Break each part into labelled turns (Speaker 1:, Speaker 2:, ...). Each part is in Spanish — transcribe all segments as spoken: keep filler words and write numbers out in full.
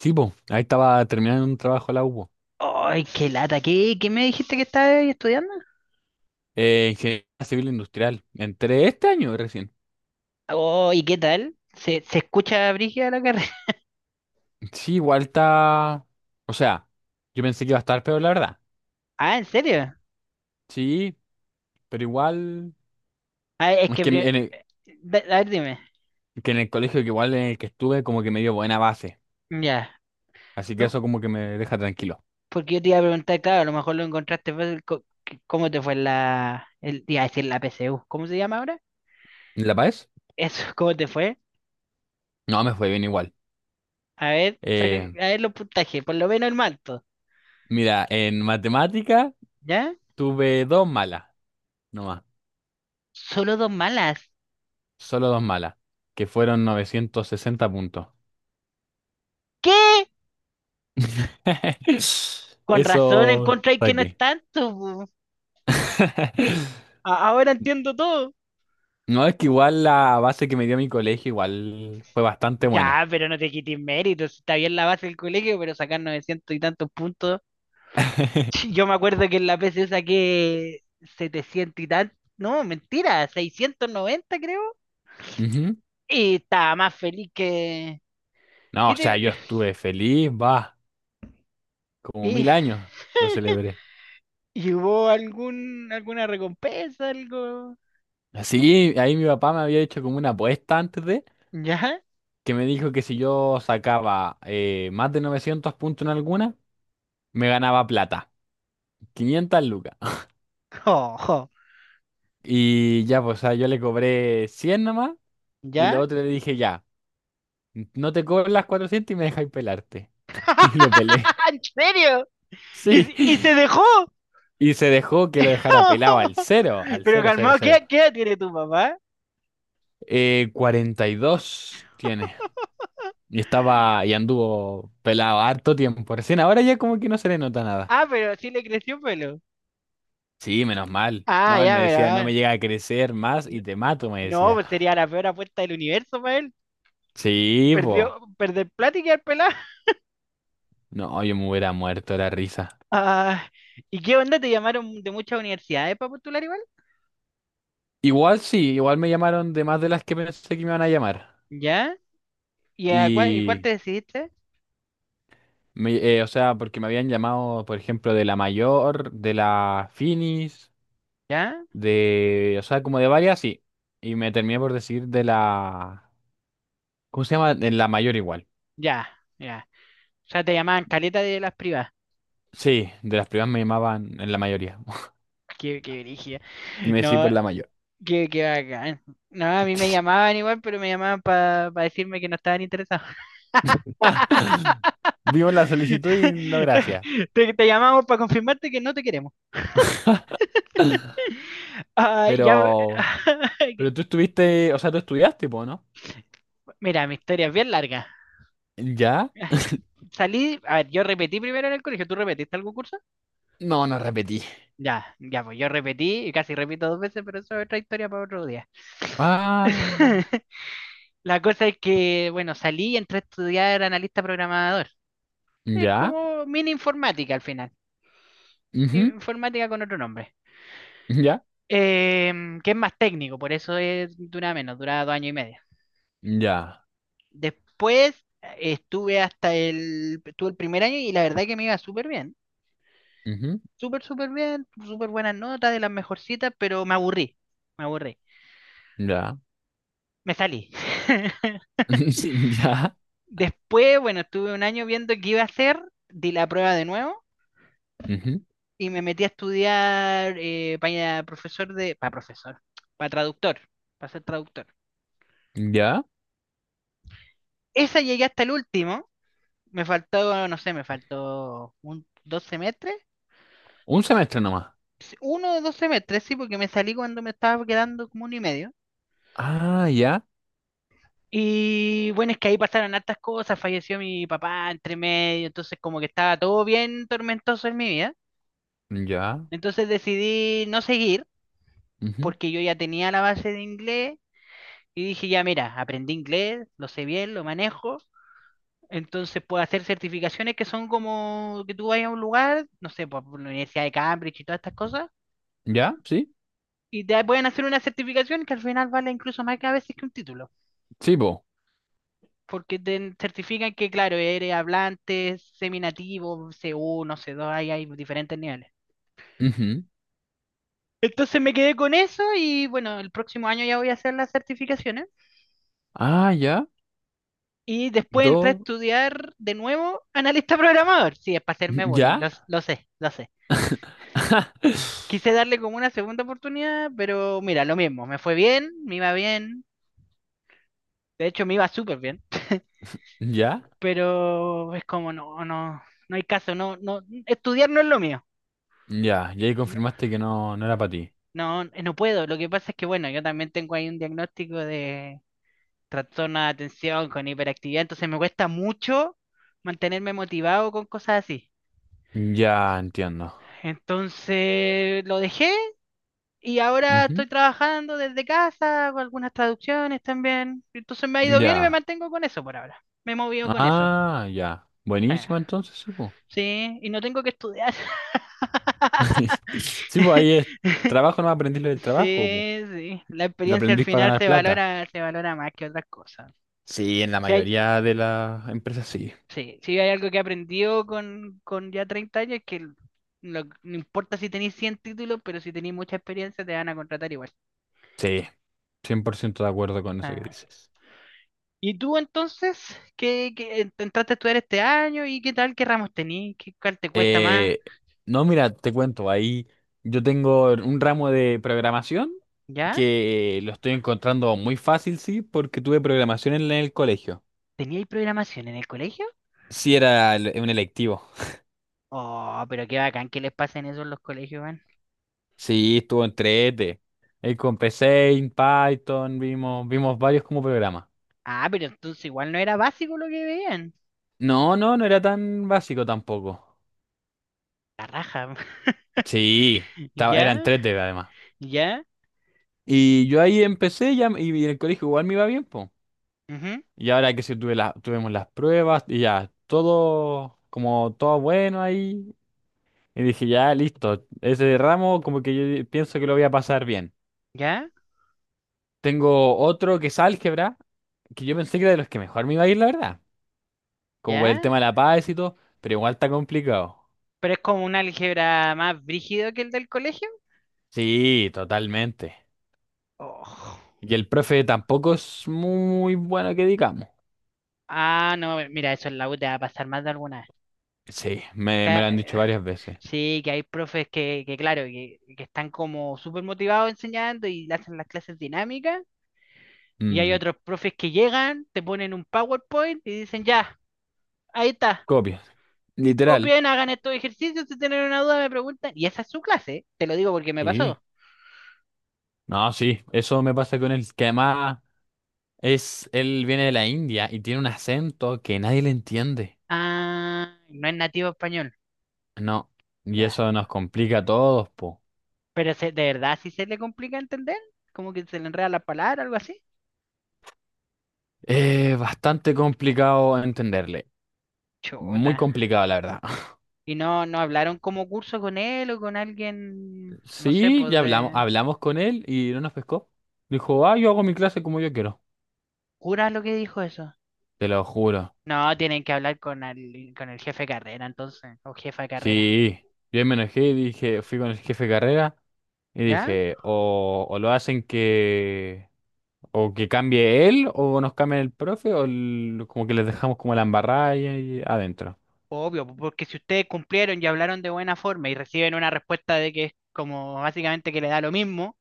Speaker 1: Sí, po, ahí estaba terminando un trabajo la U B O.
Speaker 2: Ay, qué lata. ¿Qué, qué me dijiste que estabas estudiando?
Speaker 1: Eh, ingeniería civil industrial. Entré este año recién.
Speaker 2: Oh, ¿y qué tal? ¿Se, se escucha brígida la carrera?
Speaker 1: Sí, igual está. O sea, yo pensé que iba a estar peor, la verdad.
Speaker 2: Ah, ¿en serio?
Speaker 1: Sí, pero igual.
Speaker 2: Ah, es
Speaker 1: Es
Speaker 2: que...
Speaker 1: que en
Speaker 2: pri-
Speaker 1: el,
Speaker 2: da- A ver, dime.
Speaker 1: que en el colegio, que igual en el que estuve, como que me dio buena base.
Speaker 2: Ya.
Speaker 1: Así que
Speaker 2: No,
Speaker 1: eso, como que me deja tranquilo.
Speaker 2: porque yo te iba a preguntar, claro, a lo mejor lo encontraste fácil. co- c- ¿Cómo te fue la... El, iba a decir la P S U. ¿Cómo se llama ahora?
Speaker 1: ¿En La Paz?
Speaker 2: Eso, ¿cómo te fue?
Speaker 1: No, me fue bien igual.
Speaker 2: A ver, saca,
Speaker 1: Eh,
Speaker 2: a ver los puntajes. Por lo menos el manto.
Speaker 1: Mira, en matemática
Speaker 2: ¿Ya?
Speaker 1: tuve dos malas, nomás.
Speaker 2: Solo dos malas.
Speaker 1: Solo dos malas, que fueron novecientos sesenta puntos.
Speaker 2: ¿Qué? Con
Speaker 1: Eso
Speaker 2: razón encontré que no es
Speaker 1: saqué.
Speaker 2: tanto, po. A- Ahora entiendo todo.
Speaker 1: No, es que igual la base que me dio mi colegio igual fue bastante buena.
Speaker 2: Ya, pero no te quites méritos, si está bien la base del colegio, pero sacar novecientos y tantos puntos. Yo me acuerdo que en la P C saqué setecientos y tantos. No, mentira, seiscientos noventa creo.
Speaker 1: Ujú.
Speaker 2: Y estaba más feliz que...
Speaker 1: No, o sea, yo
Speaker 2: ¿Viste?
Speaker 1: estuve feliz, va, como
Speaker 2: ¿Y,
Speaker 1: mil años lo celebré.
Speaker 2: y hubo algún, alguna recompensa, algo?
Speaker 1: Así, ahí mi papá me había hecho como una apuesta antes de,
Speaker 2: ¿Ya?
Speaker 1: que me dijo que si yo sacaba eh, más de novecientos puntos en alguna, me ganaba plata, quinientos lucas.
Speaker 2: Ojo,
Speaker 1: Y ya, pues, o sea, yo le cobré cien nomás, y la
Speaker 2: ¿ya?
Speaker 1: otra le dije ya. No te cobro las cuatrocientas y me dejáis pelarte. Y lo pelé.
Speaker 2: ¿En serio? ¿Y,
Speaker 1: Sí.
Speaker 2: se- y se dejó?
Speaker 1: Y se dejó que lo dejara pelado al cero, al
Speaker 2: Pero
Speaker 1: cero, cero,
Speaker 2: calmado,
Speaker 1: cero.
Speaker 2: ¿qué, qué edad tiene tu papá?
Speaker 1: Eh, cuarenta y dos tiene. Y estaba, y anduvo pelado harto tiempo. Recién ahora ya como que no se le nota nada.
Speaker 2: Ah, pero sí le creció pelo.
Speaker 1: Sí, menos mal.
Speaker 2: Ah,
Speaker 1: No, él
Speaker 2: ya,
Speaker 1: me
Speaker 2: pero
Speaker 1: decía, no
Speaker 2: ah,
Speaker 1: me llega a crecer más
Speaker 2: n-
Speaker 1: y te mato, me
Speaker 2: no,
Speaker 1: decía.
Speaker 2: pues sería la peor apuesta del universo para él.
Speaker 1: Sí,
Speaker 2: Perdió,
Speaker 1: po.
Speaker 2: perder plata y quedar pelado.
Speaker 1: No, yo me hubiera muerto de la risa.
Speaker 2: Ah, ¿y qué onda? ¿Te llamaron de muchas universidades para postular igual?
Speaker 1: Igual sí, igual me llamaron de más de las que pensé que me iban a llamar.
Speaker 2: ¿Ya? ¿Y a cuál, y cuál te
Speaker 1: Y
Speaker 2: decidiste?
Speaker 1: Me- eh, o sea, porque me habían llamado, por ejemplo, de la Mayor, de la Finis,
Speaker 2: ¿Ya?
Speaker 1: de, o sea, como de varias, sí. Y me terminé por decir de la, ¿cómo se llama? De la Mayor igual.
Speaker 2: Ya, ya. O sea, te llamaban caleta de las privadas.
Speaker 1: Sí, de las primas me llamaban en la mayoría.
Speaker 2: Qué, qué brígida.
Speaker 1: Me decí
Speaker 2: No,
Speaker 1: por la Mayor.
Speaker 2: qué, qué bacán. No, a mí me llamaban igual, pero me llamaban para decirme que no estaban interesados.
Speaker 1: Vimos la solicitud y no gracias.
Speaker 2: Te, te llamamos para confirmarte que no te queremos. Ah, ya,
Speaker 1: Pero, pero tú estuviste, o sea, tú estudiaste, po, ¿no?
Speaker 2: mira, mi historia es bien larga.
Speaker 1: ¿Ya?
Speaker 2: Salí, a ver, yo repetí primero en el colegio. ¿Tú repetiste algún curso?
Speaker 1: No, no repetí.
Speaker 2: Ya, ya, pues yo repetí y casi repito dos veces, pero eso es otra historia para otro día.
Speaker 1: Ah,
Speaker 2: La cosa es que, bueno, salí y entré a estudiar analista programador. Es
Speaker 1: ya,
Speaker 2: como mini informática al final.
Speaker 1: ujú,
Speaker 2: Informática con otro nombre.
Speaker 1: ya,
Speaker 2: Em, que es más técnico, por eso es, dura menos, dura dos años y medio.
Speaker 1: ya,
Speaker 2: Después eh, estuve hasta el, estuve el primer año y la verdad que me iba súper bien.
Speaker 1: ujú,
Speaker 2: Súper, súper bien, súper buenas notas, de las mejorcitas, pero me aburrí, me aburrí.
Speaker 1: ya.
Speaker 2: Me salí.
Speaker 1: Ya,
Speaker 2: Después, bueno, estuve un año viendo qué iba a hacer, di la prueba de nuevo
Speaker 1: ujú,
Speaker 2: y me metí a estudiar eh, para profesor de, para profesor, para traductor, para ser traductor.
Speaker 1: ya,
Speaker 2: Esa llegué hasta el último, me faltó, no sé, me faltó un, dos semestres.
Speaker 1: un semestre nomás.
Speaker 2: Sí, uno de dos semestres, sí, porque me salí cuando me estaba quedando como uno y medio.
Speaker 1: Ah, ya,
Speaker 2: Y bueno, es que ahí pasaron hartas cosas, falleció mi papá entre medio, entonces como que estaba todo bien tormentoso en mi vida.
Speaker 1: ya,
Speaker 2: Entonces decidí no seguir,
Speaker 1: ujú,
Speaker 2: porque yo ya tenía la base de inglés y dije, ya mira, aprendí inglés, lo sé bien, lo manejo. Entonces puedo hacer certificaciones que son como que tú vayas a un lugar, no sé, por por la Universidad de Cambridge y todas estas cosas,
Speaker 1: ya, sí,
Speaker 2: y te pueden hacer una certificación que al final vale incluso más que a veces que un título.
Speaker 1: sí, po.
Speaker 2: Porque te certifican que, claro, eres hablante, seminativo, C uno, c dos, ahí hay diferentes niveles.
Speaker 1: Ujú.
Speaker 2: Entonces me quedé con eso y bueno, el próximo año ya voy a hacer las certificaciones
Speaker 1: Ah, ya,
Speaker 2: y
Speaker 1: y
Speaker 2: después entré a
Speaker 1: todo,
Speaker 2: estudiar de nuevo analista programador. Sí, es para hacerme bullying,
Speaker 1: ya,
Speaker 2: lo, lo sé, lo sé. Quise darle como una segunda oportunidad, pero mira, lo mismo, me fue bien, me iba bien, de hecho me iba súper bien,
Speaker 1: ya,
Speaker 2: pero es como no, no, no hay caso, no, no, estudiar no es lo mío.
Speaker 1: ya, y ahí confirmaste que no, no era para ti.
Speaker 2: No, eh, no puedo. Lo que pasa es que, bueno, yo también tengo ahí un diagnóstico de trastorno de atención con hiperactividad, entonces me cuesta mucho mantenerme motivado con cosas así.
Speaker 1: Ya, entiendo.
Speaker 2: Entonces lo dejé y ahora
Speaker 1: Ujú,
Speaker 2: estoy trabajando desde casa, hago algunas traducciones también. Entonces me ha ido bien y me
Speaker 1: ya,
Speaker 2: mantengo con eso por ahora. Me he movido con eso.
Speaker 1: ah, ya,
Speaker 2: Ah,
Speaker 1: buenísimo entonces, sí, po.
Speaker 2: sí, y no tengo que estudiar.
Speaker 1: Sí, pues ahí es trabajo, no aprendí lo del trabajo, po.
Speaker 2: Sí, sí. La
Speaker 1: Lo
Speaker 2: experiencia al
Speaker 1: aprendís para
Speaker 2: final
Speaker 1: ganar
Speaker 2: se
Speaker 1: plata.
Speaker 2: valora, se valora más que otras cosas.
Speaker 1: Sí, en la
Speaker 2: Si hay,
Speaker 1: mayoría de las empresas sí.
Speaker 2: Sí, sí, hay algo que he aprendido con, con ya treinta años, que el- lo- no importa si tenéis cien títulos, pero si tenéis mucha experiencia te van a contratar igual.
Speaker 1: Sí, cien por ciento de acuerdo con eso que
Speaker 2: Ah.
Speaker 1: dices.
Speaker 2: ¿Y tú entonces? ¿Qué, qué- ent- ¿entraste a estudiar este año y qué tal? ¿Qué ramos tenías? ¿Qué, cuál te cuesta más?
Speaker 1: Eh, no, mira, te cuento, ahí yo tengo un ramo de programación
Speaker 2: ¿Ya?
Speaker 1: que lo estoy encontrando muy fácil, sí, porque tuve programación en el colegio.
Speaker 2: ¿Teníais programación en el colegio?
Speaker 1: Sí, era el- un electivo.
Speaker 2: Oh, pero qué bacán que les pasen eso en los colegios, man.
Speaker 1: Sí, estuvo entre E T E. Ahí con P C, en Python, vimos, vimos varios como programa.
Speaker 2: Ah, pero entonces igual no era básico lo que veían.
Speaker 1: No, no, no era tan básico tampoco.
Speaker 2: La raja.
Speaker 1: Sí, estaba, era en
Speaker 2: ¿Ya?
Speaker 1: Tres d además.
Speaker 2: ¿Ya?
Speaker 1: Y yo ahí empecé ya, y en el colegio igual me iba bien, pues.
Speaker 2: Ujú.
Speaker 1: Y ahora que si tuve la, tuvimos las pruebas y ya, todo como todo bueno ahí. Y dije, ya, listo. Ese ramo como que yo di- pienso que lo voy a pasar bien.
Speaker 2: ¿Ya?
Speaker 1: Tengo otro que es álgebra, que yo pensé que era de los que mejor me iba a ir, la verdad. Como por el
Speaker 2: ¿Ya?
Speaker 1: tema de la paz y todo, pero igual está complicado.
Speaker 2: Pero es como un álgebra más brígido que el del colegio.
Speaker 1: Sí, totalmente.
Speaker 2: Oh.
Speaker 1: Y el profe tampoco es muy bueno que digamos.
Speaker 2: Ah, no, mira, eso en la U te va a pasar más de alguna vez.
Speaker 1: Sí, me, me
Speaker 2: Ca-
Speaker 1: lo han
Speaker 2: eh,
Speaker 1: dicho varias veces.
Speaker 2: Sí, que hay profes que, que claro, que, que están como súper motivados enseñando y hacen las clases dinámicas. Y hay
Speaker 1: Mm,
Speaker 2: otros profes que llegan, te ponen un PowerPoint y dicen, ya, ahí está,
Speaker 1: copias, literal.
Speaker 2: copien, hagan estos ejercicios, si tienen una duda me preguntan. Y esa es su clase, te lo digo porque me pasó.
Speaker 1: Y no, sí, eso me pasa con él. Que además. Es, él viene de la India y tiene un acento que nadie le entiende.
Speaker 2: Ah, no es nativo español.
Speaker 1: No, y
Speaker 2: Ya.
Speaker 1: eso nos complica a todos, po.
Speaker 2: Pero se- de verdad sí se le complica entender, como que se le enreda la palabra, algo así.
Speaker 1: Es bastante complicado entenderle. Muy
Speaker 2: Chota.
Speaker 1: complicado, la verdad.
Speaker 2: Y no, no hablaron como curso con él o con alguien, no sé,
Speaker 1: Sí,
Speaker 2: pues
Speaker 1: ya hablamos,
Speaker 2: de
Speaker 1: hablamos con él y no nos pescó. Dijo, ah, yo hago mi clase como yo quiero.
Speaker 2: cura lo que dijo eso.
Speaker 1: Te lo juro.
Speaker 2: No, tienen que hablar con el, con el jefe de carrera entonces, o jefa de carrera.
Speaker 1: Sí, yo me enojé y dije, fui con el jefe de carrera y
Speaker 2: ¿Ya?
Speaker 1: dije, o, o lo hacen que o que cambie él, o nos cambie el profe, o el- como que les dejamos como la embarrada ahí, ahí adentro.
Speaker 2: Obvio, po- porque si ustedes cumplieron y hablaron de buena forma y reciben una respuesta de que es como básicamente que le da lo mismo,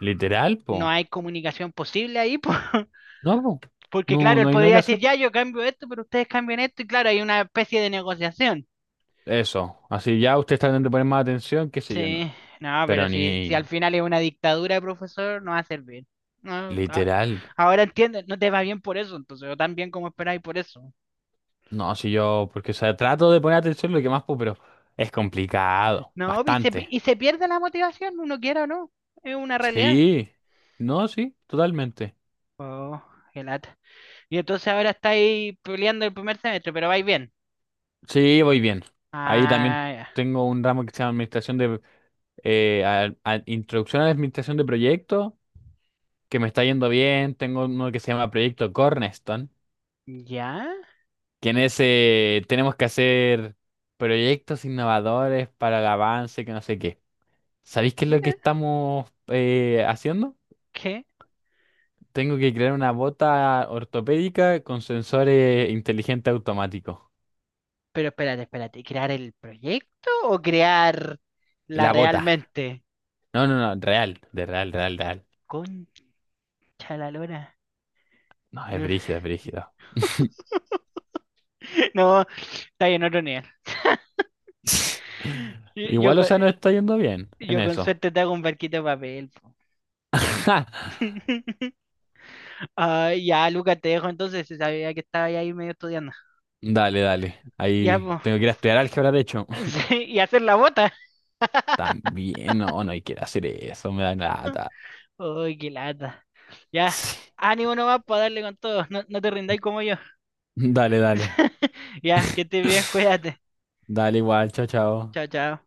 Speaker 1: Literal, po.
Speaker 2: no hay comunicación posible ahí, pues.
Speaker 1: No, po.
Speaker 2: Porque
Speaker 1: No,
Speaker 2: claro, él
Speaker 1: no hay nada
Speaker 2: podría
Speaker 1: que
Speaker 2: decir,
Speaker 1: hacer.
Speaker 2: ya yo cambio esto, pero ustedes cambian esto, y claro, hay una especie de negociación.
Speaker 1: Eso. Así ya ustedes tratan de poner más atención, qué sé yo, no.
Speaker 2: Sí, no, pero
Speaker 1: Pero
Speaker 2: si, si al
Speaker 1: ni
Speaker 2: final es una dictadura de profesor, no va a servir. No, a-
Speaker 1: literal.
Speaker 2: ahora entiendes, no te va bien por eso, entonces, o tan bien como esperáis por eso.
Speaker 1: No, si yo, porque o sea, trato de poner atención lo que más puedo, pero es complicado.
Speaker 2: No, y se, pi-
Speaker 1: Bastante.
Speaker 2: y se pierde la motivación, uno quiera o no, es una realidad.
Speaker 1: Sí. No, sí, totalmente.
Speaker 2: Oh, qué lata. Y entonces ahora estáis peleando el primer semestre, pero vais bien.
Speaker 1: Sí, voy bien. Ahí también
Speaker 2: Ah, ya.
Speaker 1: tengo un ramo que se llama Administración de... eh, a- a- Introducción a la Administración de Proyectos. Que me está yendo bien. Tengo uno que se llama Proyecto Cornerstone,
Speaker 2: ¿Ya?
Speaker 1: que en ese tenemos que hacer proyectos innovadores para el avance, que no sé qué. ¿Sabéis qué es lo que
Speaker 2: Mira,
Speaker 1: estamos eh, haciendo?
Speaker 2: ¿qué?
Speaker 1: Tengo que crear una bota ortopédica con sensores inteligentes automáticos.
Speaker 2: Pero espérate, espérate, ¿crear el proyecto o crear la
Speaker 1: La bota.
Speaker 2: realmente?
Speaker 1: No, no, no, real, de real, real, real.
Speaker 2: Concha la lora.
Speaker 1: No, es brígido, es brígido.
Speaker 2: No, está bien, otro nivel. Yo, yo
Speaker 1: Igual, o
Speaker 2: con
Speaker 1: sea, nos está yendo bien en
Speaker 2: yo con
Speaker 1: eso.
Speaker 2: suerte te hago un barquito de papel, po. Ah, ya, Lucas, te dejo entonces, si sabía que estaba ahí medio estudiando.
Speaker 1: Dale, dale.
Speaker 2: Ya,
Speaker 1: Ahí
Speaker 2: pues.
Speaker 1: tengo que ir a estudiar álgebra, de hecho.
Speaker 2: Y hacer la bota.
Speaker 1: También, no, no hay que hacer eso, me da nada.
Speaker 2: Uy, qué lata. Ya, ánimo nomás para darle con todo. No, no te rindáis como yo.
Speaker 1: Dale, dale.
Speaker 2: Ya, que estés bien, cuídate.
Speaker 1: Dale igual, chao, chao.
Speaker 2: Chao, chao.